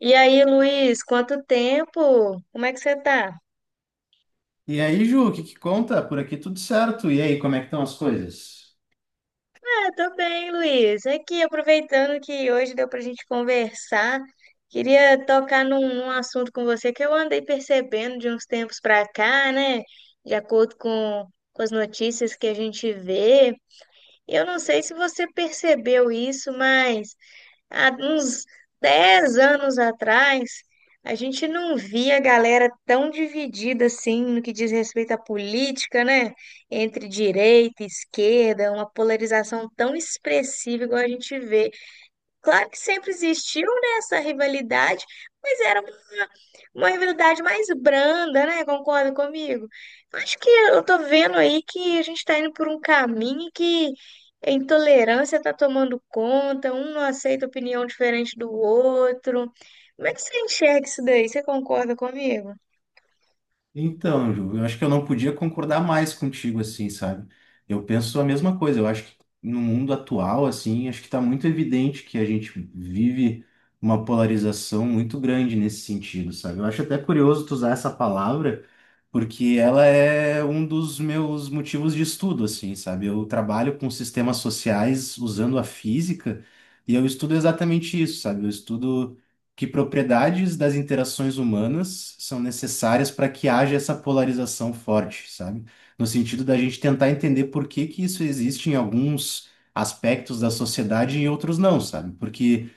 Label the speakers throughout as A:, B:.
A: E aí, Luiz, quanto tempo? Como é que você tá?
B: E aí, Ju, o que que conta? Por aqui tudo certo. E aí, como é que estão as coisas?
A: Ah, tô bem, Luiz. Aqui, aproveitando que hoje deu pra gente conversar, queria tocar num assunto com você que eu andei percebendo de uns tempos pra cá, né? De acordo com, com as notícias que a gente vê. Eu não sei se você percebeu isso, mas há uns 10 anos atrás, a gente não via a galera tão dividida assim no que diz respeito à política, né? Entre direita e esquerda, uma polarização tão expressiva igual a gente vê. Claro que sempre existiu, né, essa rivalidade, mas era uma, uma rivalidade mais branda, né? Concorda comigo? Eu Acho que eu tô vendo aí que a gente tá indo por um caminho que a intolerância tá tomando conta, um não aceita opinião diferente do outro. Como é que você enxerga isso daí? Você concorda comigo?
B: Então, Ju, eu acho que eu não podia concordar mais contigo assim, sabe? Eu penso a mesma coisa. Eu acho que no mundo atual, assim, acho que está muito evidente que a gente vive uma polarização muito grande nesse sentido, sabe? Eu acho até curioso tu usar essa palavra, porque ela é um dos meus motivos de estudo, assim, sabe? Eu trabalho com sistemas sociais usando a física e eu estudo exatamente isso, sabe? Eu estudo que propriedades das interações humanas são necessárias para que haja essa polarização forte, sabe? No sentido da gente tentar entender por que que isso existe em alguns aspectos da sociedade e em outros não, sabe? Porque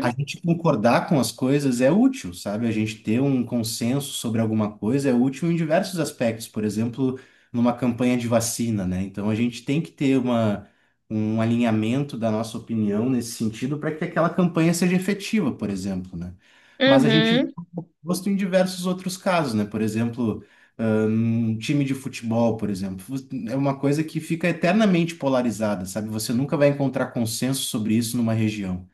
B: a gente concordar com as coisas é útil, sabe? A gente ter um consenso sobre alguma coisa é útil em diversos aspectos, por exemplo, numa campanha de vacina, né? Então a gente tem que ter um alinhamento da nossa opinião nesse sentido para que aquela campanha seja efetiva, por exemplo, né? Mas a gente
A: uhum.
B: gosta em diversos outros casos, né? Por exemplo, ah, um time de futebol, por exemplo, é uma coisa que fica eternamente polarizada, sabe? Você nunca vai encontrar consenso sobre isso numa região.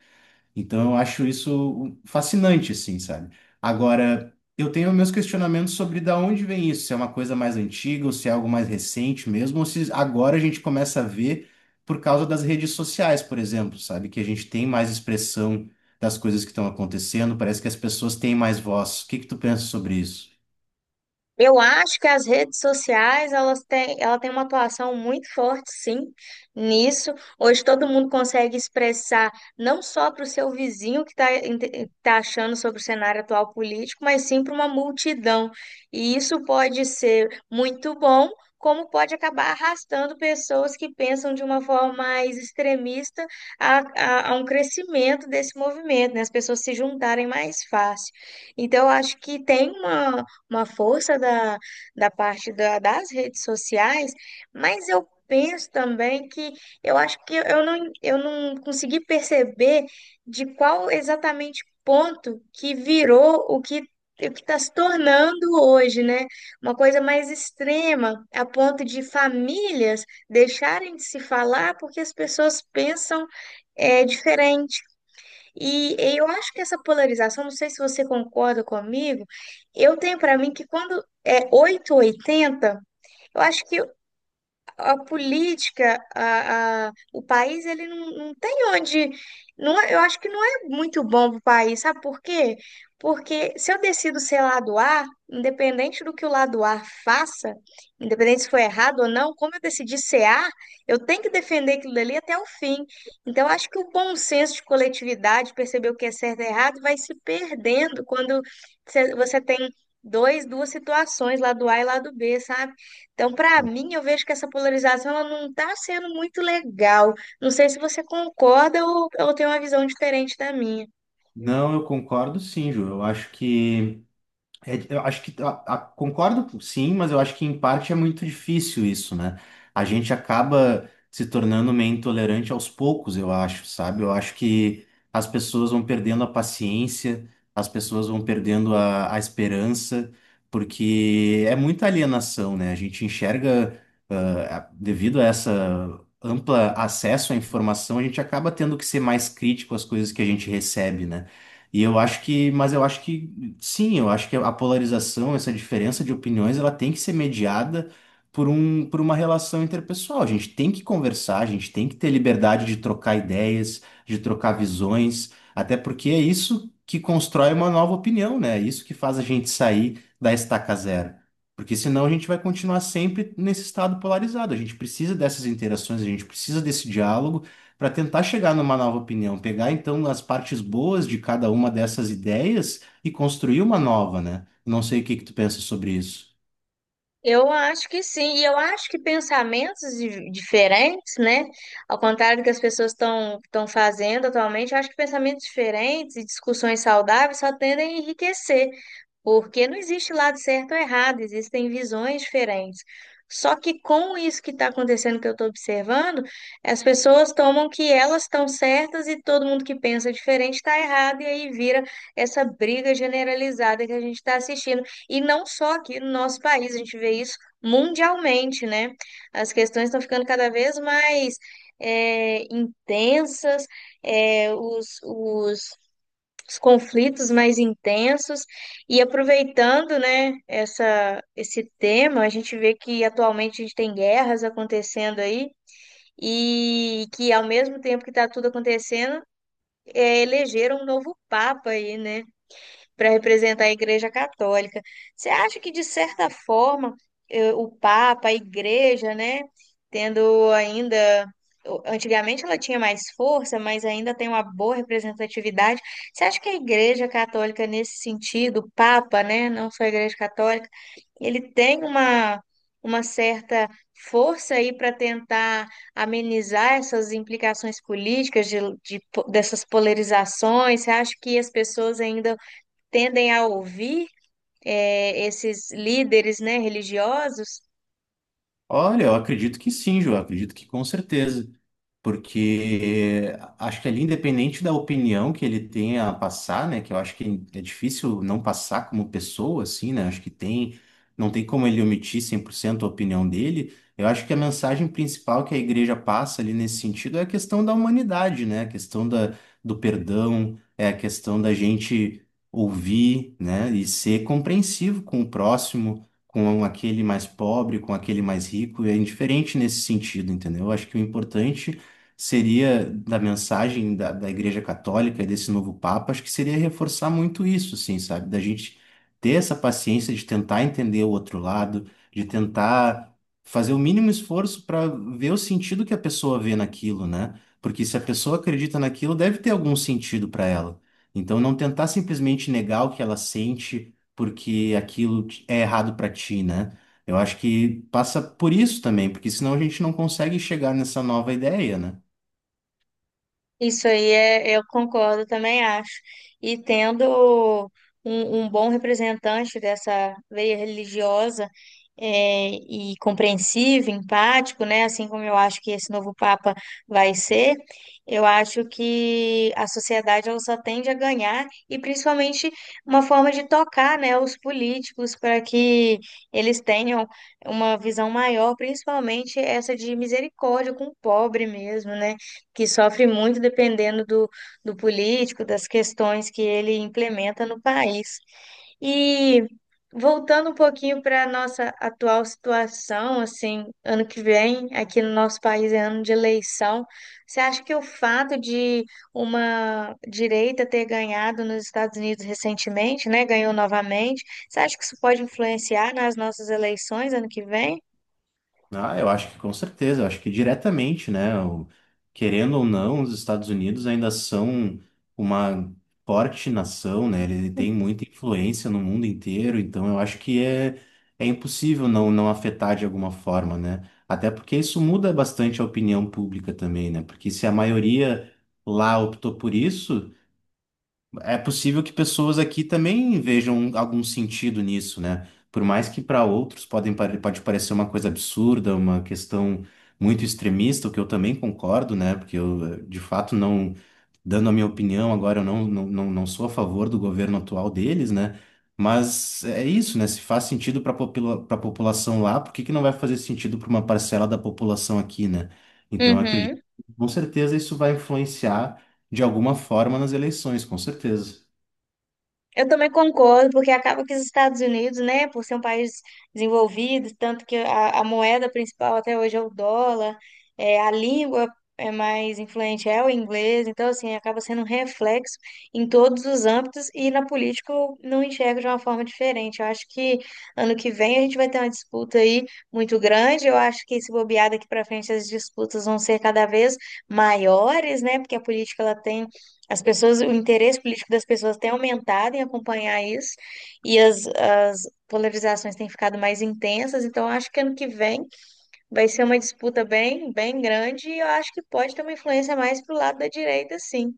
B: Então eu acho isso fascinante, assim, sabe? Agora, eu tenho meus questionamentos sobre da onde vem isso, se é uma coisa mais antiga, ou se é algo mais recente mesmo, ou se agora a gente começa a ver por causa das redes sociais, por exemplo, sabe? Que a gente tem mais expressão das coisas que estão acontecendo, parece que as pessoas têm mais voz. O que que tu pensa sobre isso?
A: Eu acho que as redes sociais, ela tem uma atuação muito forte, sim, nisso. Hoje todo mundo consegue expressar não só para o seu vizinho que está achando sobre o cenário atual político, mas sim para uma multidão. E isso pode ser muito bom, como pode acabar arrastando pessoas que pensam de uma forma mais extremista a um crescimento desse movimento, né? As pessoas se juntarem mais fácil. Então, eu acho que tem uma força da das redes sociais, mas eu penso também que eu acho que eu não consegui perceber de qual exatamente ponto que virou o que está se tornando hoje, né? Uma coisa mais extrema, a ponto de famílias deixarem de se falar porque as pessoas pensam diferente. E eu acho que essa polarização, não sei se você concorda comigo, eu tenho para mim que quando é 8 ou 80, eu acho que a política, a- o país, ele não, não tem onde. Não, é- eu acho que não é muito bom para o país, sabe por quê? Porque se eu decido ser lado A, independente do que o lado A faça, independente se foi errado ou não, como eu decidi ser A, eu tenho que defender aquilo dali até o fim. Então, eu acho que o bom senso de coletividade, perceber o que é certo e errado, vai se perdendo quando você tem duas situações, lado A e lado B, sabe? Então, para mim, eu vejo que essa polarização ela não está sendo muito legal. Não sei se você concorda ou tem uma visão diferente da minha.
B: Não, eu concordo sim, Ju. Eu acho que é, eu acho que concordo, sim, mas eu acho que em parte é muito difícil isso, né? A gente acaba se tornando meio intolerante aos poucos, eu acho, sabe? Eu acho que as pessoas vão perdendo a paciência, as pessoas vão perdendo a esperança, porque é muita alienação, né? A gente enxerga, ah, a- devido a essa ampla acesso à informação, a gente acaba tendo que ser mais crítico às coisas que a gente recebe, né? E eu acho que, mas eu acho que sim, eu acho que a polarização, essa diferença de opiniões, ela tem que ser mediada por uma relação interpessoal. A gente tem que conversar, a gente tem que ter liberdade de trocar ideias, de trocar visões, até porque é isso que constrói uma nova opinião, né? É isso que faz a gente sair da estaca zero. Porque senão a gente vai continuar sempre nesse estado polarizado. A gente precisa dessas interações, a gente precisa desse diálogo para tentar chegar numa nova opinião, pegar então as partes boas de cada uma dessas ideias e construir uma nova, né? Não sei o que que tu pensa sobre isso.
A: Eu acho que sim, e eu acho que diferentes, né? Ao contrário do que as pessoas estão fazendo atualmente, eu acho que pensamentos diferentes e discussões saudáveis só tendem a enriquecer. Porque não existe lado certo ou errado, existem visões diferentes. Só que com isso que está acontecendo, que eu estou observando, as pessoas tomam que elas estão certas e todo mundo que pensa diferente está errado, e aí vira essa briga generalizada que a gente está assistindo. E não só aqui no nosso país, a gente vê isso mundialmente, né? As questões estão ficando cada vez mais intensas, é, os, os os conflitos mais intensos. E aproveitando, né, esse tema, a gente vê que atualmente a gente tem guerras acontecendo aí, e que ao mesmo tempo que está tudo acontecendo, elegeram um novo papa aí, né? Para representar a Igreja Católica. Você acha que, de certa forma, o Papa, a Igreja, né, tendo ainda. Antigamente ela tinha mais força, mas ainda tem uma boa representatividade. Você acha que a Igreja Católica, nesse sentido, o Papa, né, não só a Igreja Católica, ele tem uma certa força aí para tentar amenizar essas implicações políticas dessas polarizações? Você acha que as pessoas ainda tendem a ouvir esses líderes, né, religiosos.
B: Olha, eu acredito que sim, Ju, eu acredito que com certeza, porque acho que ali, independente da opinião que ele tenha a passar, né, que eu acho que é difícil não passar como pessoa, assim, né, acho que tem, não tem como ele omitir 100% a opinião dele, eu acho que a mensagem principal que a igreja passa ali nesse sentido é a questão da humanidade, né, a questão do perdão, é a questão da gente ouvir, né, e ser compreensivo com o próximo, com aquele mais pobre, com aquele mais rico, é indiferente nesse sentido, entendeu? Eu acho que o importante seria da mensagem da Igreja Católica e desse novo Papa, acho que seria reforçar muito isso, assim, sabe? Da gente ter essa paciência de tentar entender o outro lado, de tentar fazer o mínimo esforço para ver o sentido que a pessoa vê naquilo, né? Porque se a pessoa acredita naquilo, deve ter algum sentido para ela. Então, não tentar simplesmente negar o que ela sente porque é errado para ti, né? Eu acho que passa por isso também, porque senão a gente não consegue chegar nessa nova ideia, né?
A: Isso aí é, eu concordo, também acho. E tendo um bom representante dessa veia religiosa, e compreensivo, empático, né? Assim como eu acho que esse novo Papa vai ser, eu acho que a sociedade ela só tende a ganhar, e principalmente uma forma de tocar, né, os políticos para que eles tenham uma visão maior, principalmente essa de misericórdia com o pobre mesmo, né? Que sofre muito dependendo do político, das questões que ele implementa no país. E voltando um pouquinho para a nossa atual situação, assim, ano que vem, aqui no nosso país é ano de eleição. Você acha que o fato de uma direita ter ganhado nos Estados Unidos recentemente, né, ganhou novamente, você acha que isso pode influenciar nas nossas eleições ano que vem?
B: Ah, eu acho que com certeza, eu acho que diretamente, né? Querendo ou não, os Estados Unidos ainda são uma forte nação, né? Ele tem muita influência no mundo inteiro, então eu acho que é impossível não afetar de alguma forma, né? Até porque isso muda bastante a opinião pública também, né? Porque se a maioria lá optou por isso, é possível que pessoas aqui também vejam algum sentido nisso, né? Por mais que para outros pode parecer uma coisa absurda, uma questão muito extremista, o que eu também concordo, né? Porque eu, de fato, não, dando a minha opinião, agora eu não sou a favor do governo atual deles, né? Mas é isso, né? Se faz sentido para a população lá, por que que não vai fazer sentido para uma parcela da população aqui, né? Então, eu acredito,
A: Uhum.
B: que, com certeza isso vai influenciar de alguma forma nas eleições, com certeza.
A: Eu também concordo, porque acaba que os Estados Unidos, né, por ser um país desenvolvido, tanto que a moeda principal até hoje é o dólar, é, a língua é mais influente é o inglês, então, assim, acaba sendo um reflexo em todos os âmbitos, e na política eu não enxergo de uma forma diferente. Eu acho que ano que vem a gente vai ter uma disputa aí muito grande, eu acho que se bobear daqui para frente as disputas vão ser cada vez maiores, né, porque a política ela tem as pessoas, o interesse político das pessoas tem aumentado em acompanhar isso, as polarizações têm ficado mais intensas, então eu acho que ano que vem vai ser uma disputa bem grande, e eu acho que pode ter uma influência mais pro lado da direita, sim.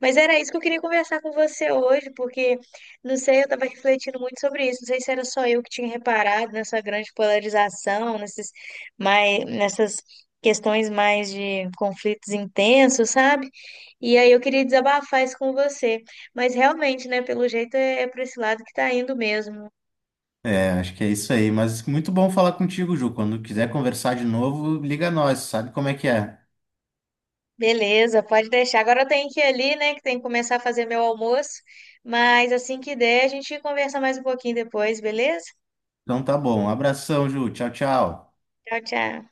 A: Mas era isso que eu queria conversar com você hoje, porque, não sei, eu estava refletindo muito sobre isso, não sei se era só eu que tinha reparado nessa grande polarização, nessas questões mais de conflitos intensos, sabe? E aí eu queria desabafar isso com você. Mas realmente, né, pelo jeito é para esse lado que tá indo mesmo.
B: É, acho que é isso aí. Mas muito bom falar contigo, Ju. Quando quiser conversar de novo, liga nós, sabe como é que é.
A: Beleza, pode deixar. Agora eu tenho que ir ali, né, que tem que começar a fazer meu almoço. Mas assim que der, a gente conversa mais um pouquinho depois, beleza?
B: Então tá bom. Um abração, Ju. Tchau, tchau.
A: Tchau, tchau.